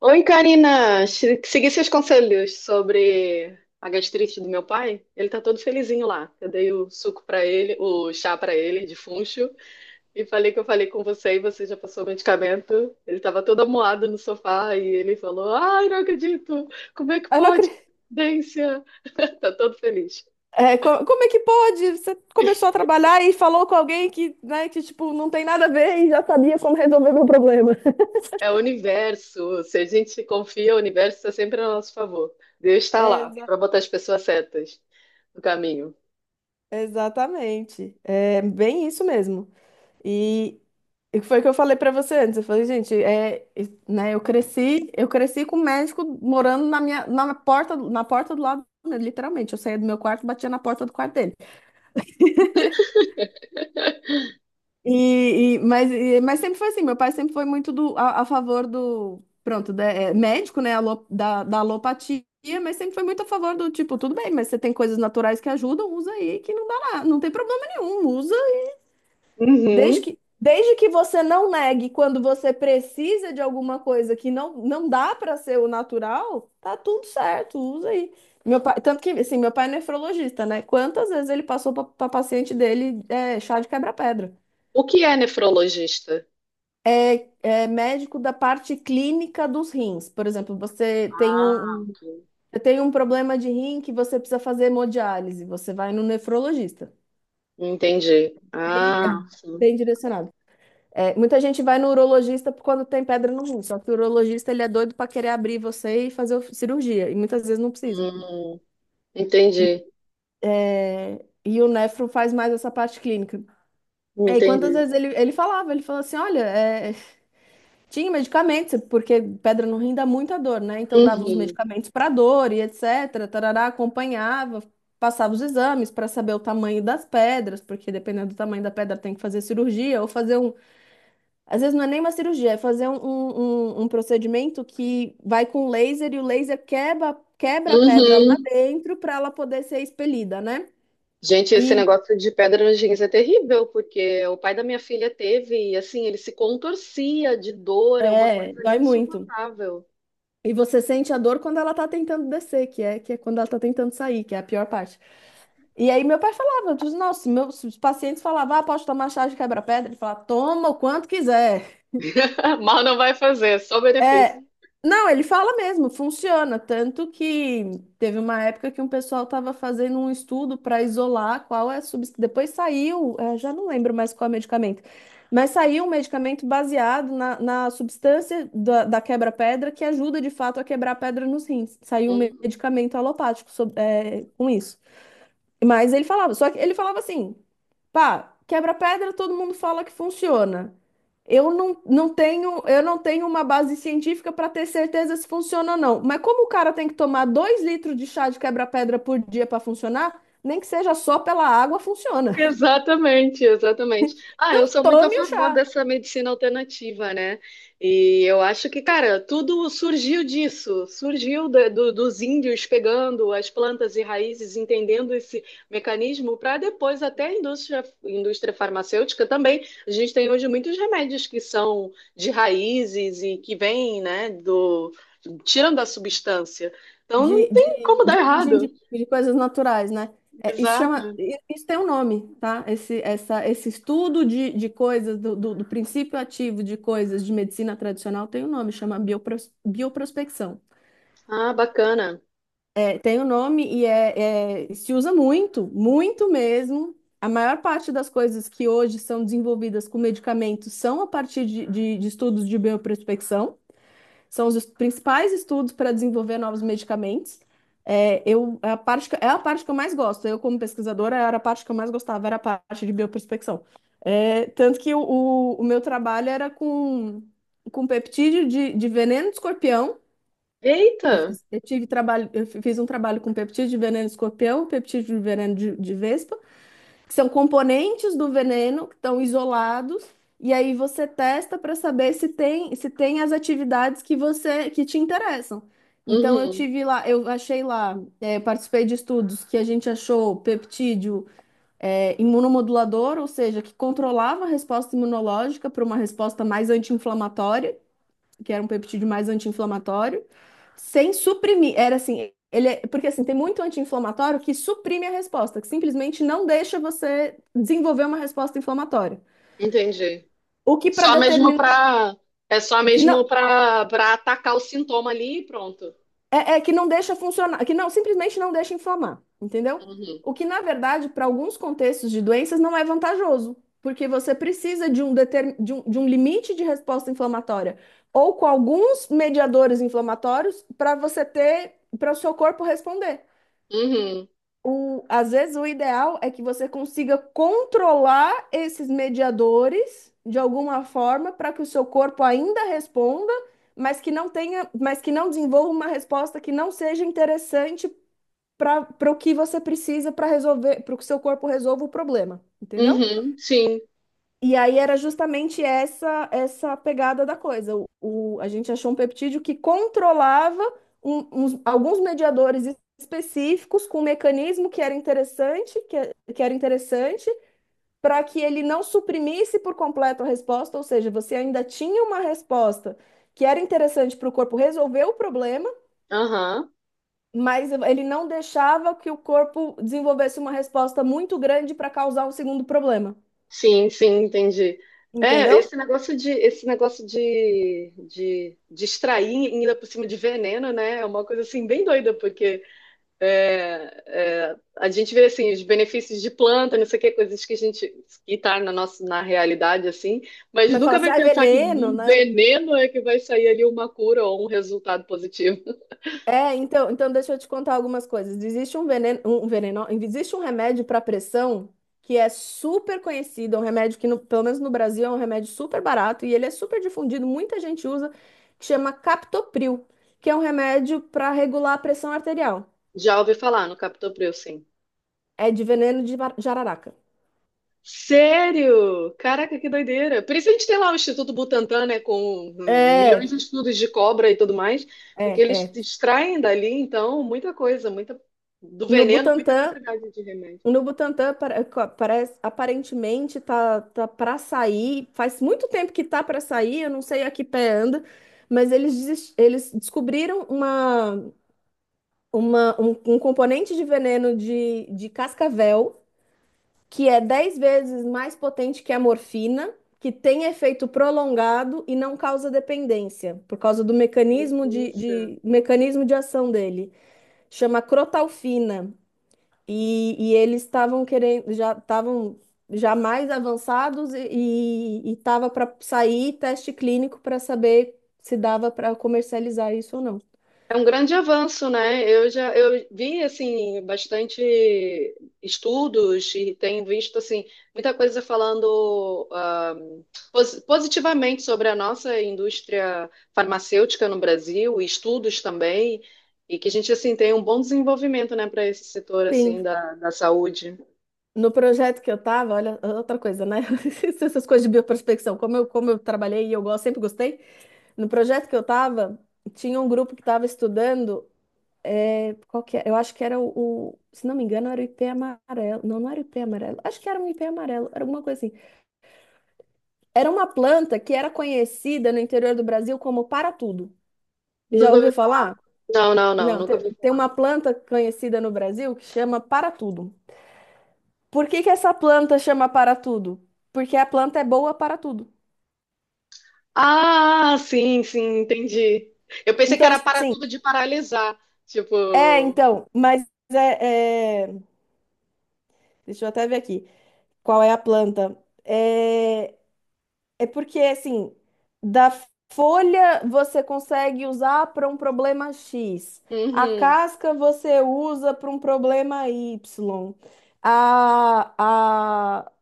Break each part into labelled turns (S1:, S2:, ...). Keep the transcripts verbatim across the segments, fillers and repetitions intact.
S1: Oi, Karina. Se- Segui seus conselhos sobre a gastrite do meu pai. Ele tá todo felizinho lá. Eu dei o suco pra ele, o chá pra ele de funcho e falei que eu falei com você e você já passou o medicamento. Ele tava todo amuado no sofá e ele falou: "Ai, não acredito. Como é que
S2: Eu não
S1: pode?
S2: acredito.
S1: Dência." Tá todo feliz.
S2: É, co- como é que pode? Você começou a trabalhar e falou com alguém que, né, que tipo, não tem nada a ver e já sabia como resolver meu problema.
S1: É o universo. Se a gente confia, o universo está sempre a nosso favor. Deus está lá
S2: Exa-
S1: pra botar as pessoas certas no caminho.
S2: exatamente. É bem isso mesmo. E e foi o que eu falei pra você antes. Eu falei, gente, é, e- né, eu cresci, eu cresci com um médico morando na minha, na porta, na porta do lado, né, literalmente. Eu saía do meu quarto, batia na porta do quarto dele. E, e- mas, e- mas sempre foi assim, meu pai sempre foi muito do, a, a favor do, pronto, da- é, médico, né, alo- da, da alopatia, mas sempre foi muito a favor do tipo, tudo bem, mas você tem coisas naturais que ajudam, usa aí que não dá nada, não tem problema nenhum, usa. Desde
S1: Uhum.
S2: que, desde que você não negue quando você precisa de alguma coisa que não, não dá para ser o natural, tá tudo certo, usa aí. Meu pai, tanto que, assim, meu pai é nefrologista, né? Quantas vezes ele passou para paciente dele é, chá de quebra-pedra?
S1: O que é nefrologista?
S2: É, é médico da parte clínica dos rins. Por exemplo, você tem
S1: Ah,
S2: um,
S1: ok.
S2: você tem um problema de rim que você precisa fazer hemodiálise, você vai no nefrologista.
S1: Entendi.
S2: É
S1: Ah, sim.
S2: bem direcionado. É, muita gente vai no urologista por quando tem pedra no rim, só que o urologista ele é doido para querer abrir você e fazer o- cirurgia, e muitas vezes não precisa.
S1: Hum, entendi.
S2: É, e o nefro faz mais essa parte clínica. É, e quantas
S1: Entendi.
S2: vezes ele, ele falava, ele falou assim, olha, é, tinha medicamentos, porque pedra no rim dá muita dor, né? Então dava os
S1: Uhum.
S2: medicamentos para dor e etcétera. Tarará, acompanhava, passava os exames para saber o tamanho das pedras, porque dependendo do tamanho da pedra tem que fazer cirurgia ou fazer um. Às vezes não é nem uma cirurgia, é fazer um, um, um- um procedimento que vai com laser e o laser quebra, quebra a pedra lá
S1: Uhum.
S2: dentro para ela poder ser expelida, né?
S1: Gente, esse
S2: E
S1: negócio de pedra nos rins é terrível, porque o pai da minha filha teve, e assim, ele se contorcia de dor, é uma
S2: é,
S1: coisa
S2: dói muito.
S1: insuportável.
S2: E você sente a dor quando ela tá tentando descer, que é, que é quando ela tá tentando sair, que é a pior parte. E aí meu pai falava, eu disse, nossa, meus os pacientes falavam, ah, posso tomar chá de quebra-pedra? Ele falava, toma o quanto quiser.
S1: Mal não vai fazer, é só benefício.
S2: É, não, ele fala mesmo, funciona. Tanto que teve uma época que um pessoal estava fazendo um estudo para isolar qual é a substância. Depois saiu, é, já não lembro mais qual é o medicamento, mas saiu um medicamento baseado na, na substância da, da quebra-pedra que ajuda de fato a quebrar a pedra nos rins. Saiu um
S1: Hum.
S2: medicamento alopático sob- é, com isso. Mas ele falava, só que ele falava assim. Pá, quebra-pedra todo mundo fala que funciona. Eu não, não tenho, eu não tenho uma base científica para ter certeza se funciona ou não. Mas como o cara tem que tomar dois litros de chá de quebra-pedra por dia para funcionar, nem que seja só pela água, funciona.
S1: Exatamente, exatamente. Ah, eu
S2: Não
S1: sou muito a
S2: tome o
S1: favor
S2: chá
S1: dessa medicina alternativa, né? E eu acho que, cara, tudo surgiu disso, surgiu da- do- dos índios pegando as plantas e raízes, entendendo esse mecanismo, para depois até a indústria, indústria farmacêutica também. A gente tem hoje muitos remédios que são de raízes e que vêm, né, do, tirando a substância. Então
S2: de,
S1: não tem
S2: de,
S1: como dar
S2: de origem de,
S1: errado.
S2: de coisas naturais, né? É, isso chama,
S1: Exato.
S2: i- isso tem um nome, tá? Esse, essa, esse estudo de, de coisas, do, do, do princípio ativo de coisas de medicina tradicional tem um nome, chama biopros, bioprospecção.
S1: Ah, bacana.
S2: Tem o nome e é, é- se usa muito, muito mesmo. A maior parte das coisas que hoje são desenvolvidas com medicamentos são a partir de, de- de estudos de bioprospecção. São os es- principais estudos para desenvolver novos medicamentos. É, eu, é a parte que, é a parte que eu mais gosto. Eu, como pesquisadora, era a parte que eu mais gostava, era a parte de bioprospecção. É, tanto que o, o- o meu trabalho era com, com peptídeo de, de veneno de escorpião. Eu
S1: Eita!
S2: fiz, eu tive trabalho, eu fi- fiz um trabalho com peptídeo de veneno de escorpião, peptídeo de veneno de, de vespa, que são componentes do veneno que estão isolados, e aí você testa para saber se tem, se tem as atividades que você que te interessam. Então eu
S1: Uhum,
S2: tive lá, eu achei lá, eh, eu participei de estudos que a gente achou peptídeo, eh, imunomodulador, ou seja, que controlava a resposta imunológica para uma resposta mais anti-inflamatória, que era um peptídeo mais anti-inflamatório, sem suprimir. Era assim, ele é- porque assim, tem muito anti-inflamatório que suprime a resposta, que simplesmente não deixa você desenvolver uma resposta inflamatória.
S1: entendi.
S2: O que para
S1: Só mesmo
S2: determinar
S1: pra. É só
S2: que
S1: mesmo
S2: não
S1: pra, pra atacar o sintoma ali e pronto.
S2: é, é que não deixa funcionar, que não simplesmente não deixa inflamar, entendeu?
S1: Uhum,
S2: O que na verdade para alguns contextos de doenças não é vantajoso, porque você precisa de um, determin, de um, de um limite de resposta inflamatória ou com alguns mediadores inflamatórios para você ter para o seu corpo responder.
S1: uhum,
S2: O, às vezes o ideal é que você consiga controlar esses mediadores de alguma forma para que o seu corpo ainda responda, mas que não tenha, mas que não desenvolva uma resposta que não seja interessante para para o que você precisa para resolver, para que o seu corpo resolva o problema, entendeu?
S1: uhum, sim.
S2: E aí era justamente essa essa pegada da coisa. O, o- a gente achou um peptídeo que controlava um- uns- alguns mediadores específicos com um mecanismo que era interessante, que, é- que era interessante, para que ele não suprimisse por completo a resposta, ou seja, você ainda tinha uma resposta que era interessante para o corpo resolver o problema,
S1: Aham,
S2: mas ele não deixava que o corpo desenvolvesse uma resposta muito grande para causar um segundo problema,
S1: sim, sim, entendi. É,
S2: entendeu?
S1: esse negócio de, esse negócio de, de, de extrair ainda por cima de veneno, né? É uma coisa assim bem doida. É, é, a gente vê assim os benefícios de planta, não sei o que, coisas que a gente que tá na nossa na realidade assim, mas
S2: Mas fala
S1: nunca
S2: assim,
S1: vai
S2: ah, é
S1: pensar que
S2: veneno,
S1: do
S2: né?
S1: veneno é que vai sair ali uma cura ou um resultado positivo.
S2: É, então, então deixa eu te contar algumas coisas. Existe um veneno, um veneno, não, existe um remédio para pressão que é super conhecido, é um remédio que, no- pelo menos no Brasil, é um remédio super barato e ele é super difundido, muita gente usa, que chama Captopril, que é um remédio para regular a pressão arterial.
S1: Já ouvi falar no captopril, sim.
S2: É de veneno de bar- jararaca.
S1: Sério? Caraca, que doideira. Por isso a gente tem lá o Instituto Butantan, né, com milhões
S2: É,
S1: de estudos de cobra e tudo mais, porque
S2: é,
S1: eles
S2: é.
S1: extraem dali então muita coisa, muita do
S2: No
S1: veneno, muita
S2: Butantan.
S1: propriedade de remédio.
S2: No Butantã para- co- parece, aparentemente tá, tá para sair. Faz muito tempo que tá para sair, eu não sei a que pé anda, mas eles, desis- eles descobriram uma, uma, um, um componente de veneno de, de cascavel que é dez vezes mais potente que a morfina, que tem efeito prolongado e não causa dependência, por causa do mecanismo de,
S1: Isso.
S2: de, mecanismo de ação dele. Chama crotalfina. E, e eles estavam querendo, já estavam já mais avançados e estava para sair teste clínico para saber se dava para comercializar isso ou não.
S1: É um grande avanço, né? Eu já eu vi assim bastante estudos e tenho visto assim muita coisa falando ah, pos- positivamente sobre a nossa indústria farmacêutica no Brasil, e estudos também, e que a gente assim tem um bom desenvolvimento, né, para esse setor assim
S2: Sim,
S1: da, da saúde.
S2: no projeto que eu estava, olha, outra coisa, né? Essas coisas de bioprospecção, como eu, como eu trabalhei e eu gosto, sempre gostei. No projeto que eu estava, tinha um grupo que estava estudando, é, qual que é? Eu acho que era o, o- se não me engano, era o ipê amarelo. Não, não era o ipê amarelo. Acho que era um ipê amarelo, era alguma coisa assim. Era uma planta que era conhecida no interior do Brasil como para-tudo. Já
S1: Nunca ouvi...
S2: ouviu falar?
S1: Não, não, não,
S2: Não,
S1: nunca
S2: te-
S1: ouvi
S2: tem
S1: falar.
S2: uma planta conhecida no Brasil que chama para-tudo. Por que que essa planta chama para-tudo? Porque a planta é boa para tudo.
S1: Ah, sim, sim, entendi. Eu pensei que
S2: Então,
S1: era para
S2: assim,
S1: tudo de paralisar,
S2: é,
S1: tipo,
S2: então, mas é, é- deixa eu até ver aqui. Qual é a planta? É... É porque, assim, da folha você consegue usar para um problema X, a
S1: uhum.
S2: casca você usa para um problema Y, a, a,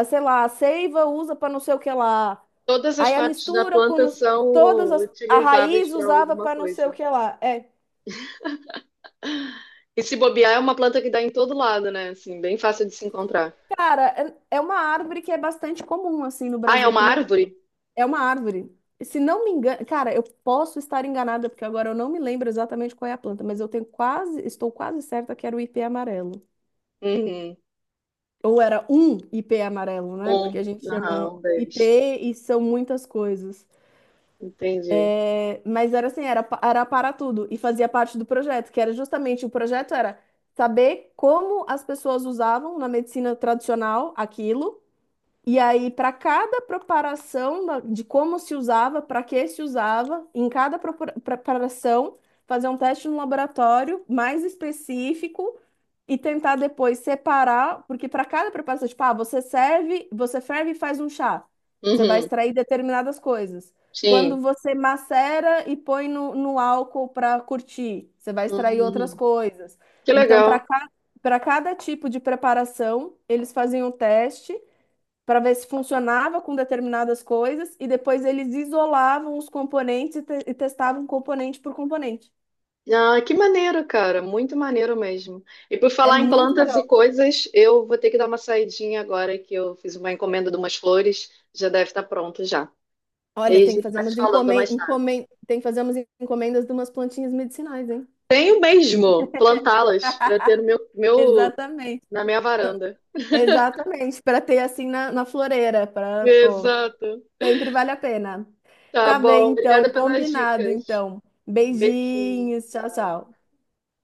S2: a, sei lá, a seiva usa para não sei o que lá,
S1: Todas as
S2: aí a
S1: partes da
S2: mistura com
S1: planta
S2: nos- todas
S1: são
S2: as. A
S1: utilizáveis
S2: raiz
S1: para
S2: usava
S1: alguma
S2: para não sei o
S1: coisa.
S2: que lá. É,
S1: E se bobear, é uma planta que dá em todo lado, né? Assim, bem fácil de se encontrar.
S2: cara, é é uma árvore que é bastante comum, assim, no
S1: Ah, é
S2: Brasil,
S1: uma
S2: que não.
S1: árvore?
S2: É uma árvore. Se não me engano, cara, eu posso estar enganada, porque agora eu não me lembro exatamente qual é a planta, mas eu tenho quase, estou quase certa que era o ipê amarelo.
S1: Uhum.
S2: Ou era um ipê amarelo, né? Porque a
S1: Um.
S2: gente chama
S1: Aham, um deles.
S2: ipê e são muitas coisas.
S1: Entendi.
S2: É, mas era assim, era, pa- era para tudo e fazia parte do projeto, que era justamente o projeto era saber como as pessoas usavam na medicina tradicional aquilo. E aí, para cada preparação da- de como se usava, para que se usava, em cada propor- preparação, fazer um teste no laboratório mais específico e tentar depois separar, porque para cada preparação, tipo, ah, você serve, você ferve e faz um chá. Você vai
S1: Uhum.
S2: extrair determinadas coisas. Quando
S1: Sim.
S2: você macera e põe no, no álcool para curtir, você vai extrair outras
S1: Uhum.
S2: coisas.
S1: Que
S2: Então,
S1: legal.
S2: para cada para cada tipo de preparação, eles faziam o teste para ver se funcionava com determinadas coisas e depois eles isolavam os componentes e, te- e testavam componente por componente.
S1: Ah, que maneiro, cara. Muito maneiro mesmo. E por
S2: É
S1: falar em
S2: muito
S1: plantas e
S2: legal.
S1: coisas, eu vou ter que dar uma saidinha agora que eu fiz uma encomenda de umas flores. Já deve estar pronto já. E
S2: Olha,
S1: aí a
S2: tem que
S1: gente
S2: fazer
S1: vai se
S2: umas
S1: falando
S2: encomen
S1: mais.
S2: encomen tem que fazer umas encomendas de umas plantinhas medicinais, hein?
S1: Tenho mesmo plantá-las para ter no meu, meu,
S2: Exatamente.
S1: na minha varanda.
S2: Exatamente, para ter assim na, na floreira, para, pô,
S1: Exato.
S2: sempre vale a pena.
S1: Tá
S2: Tá bem,
S1: bom.
S2: então,
S1: Obrigada pelas
S2: combinado,
S1: dicas.
S2: então.
S1: Beijinho.
S2: Beijinhos, tchau, tchau.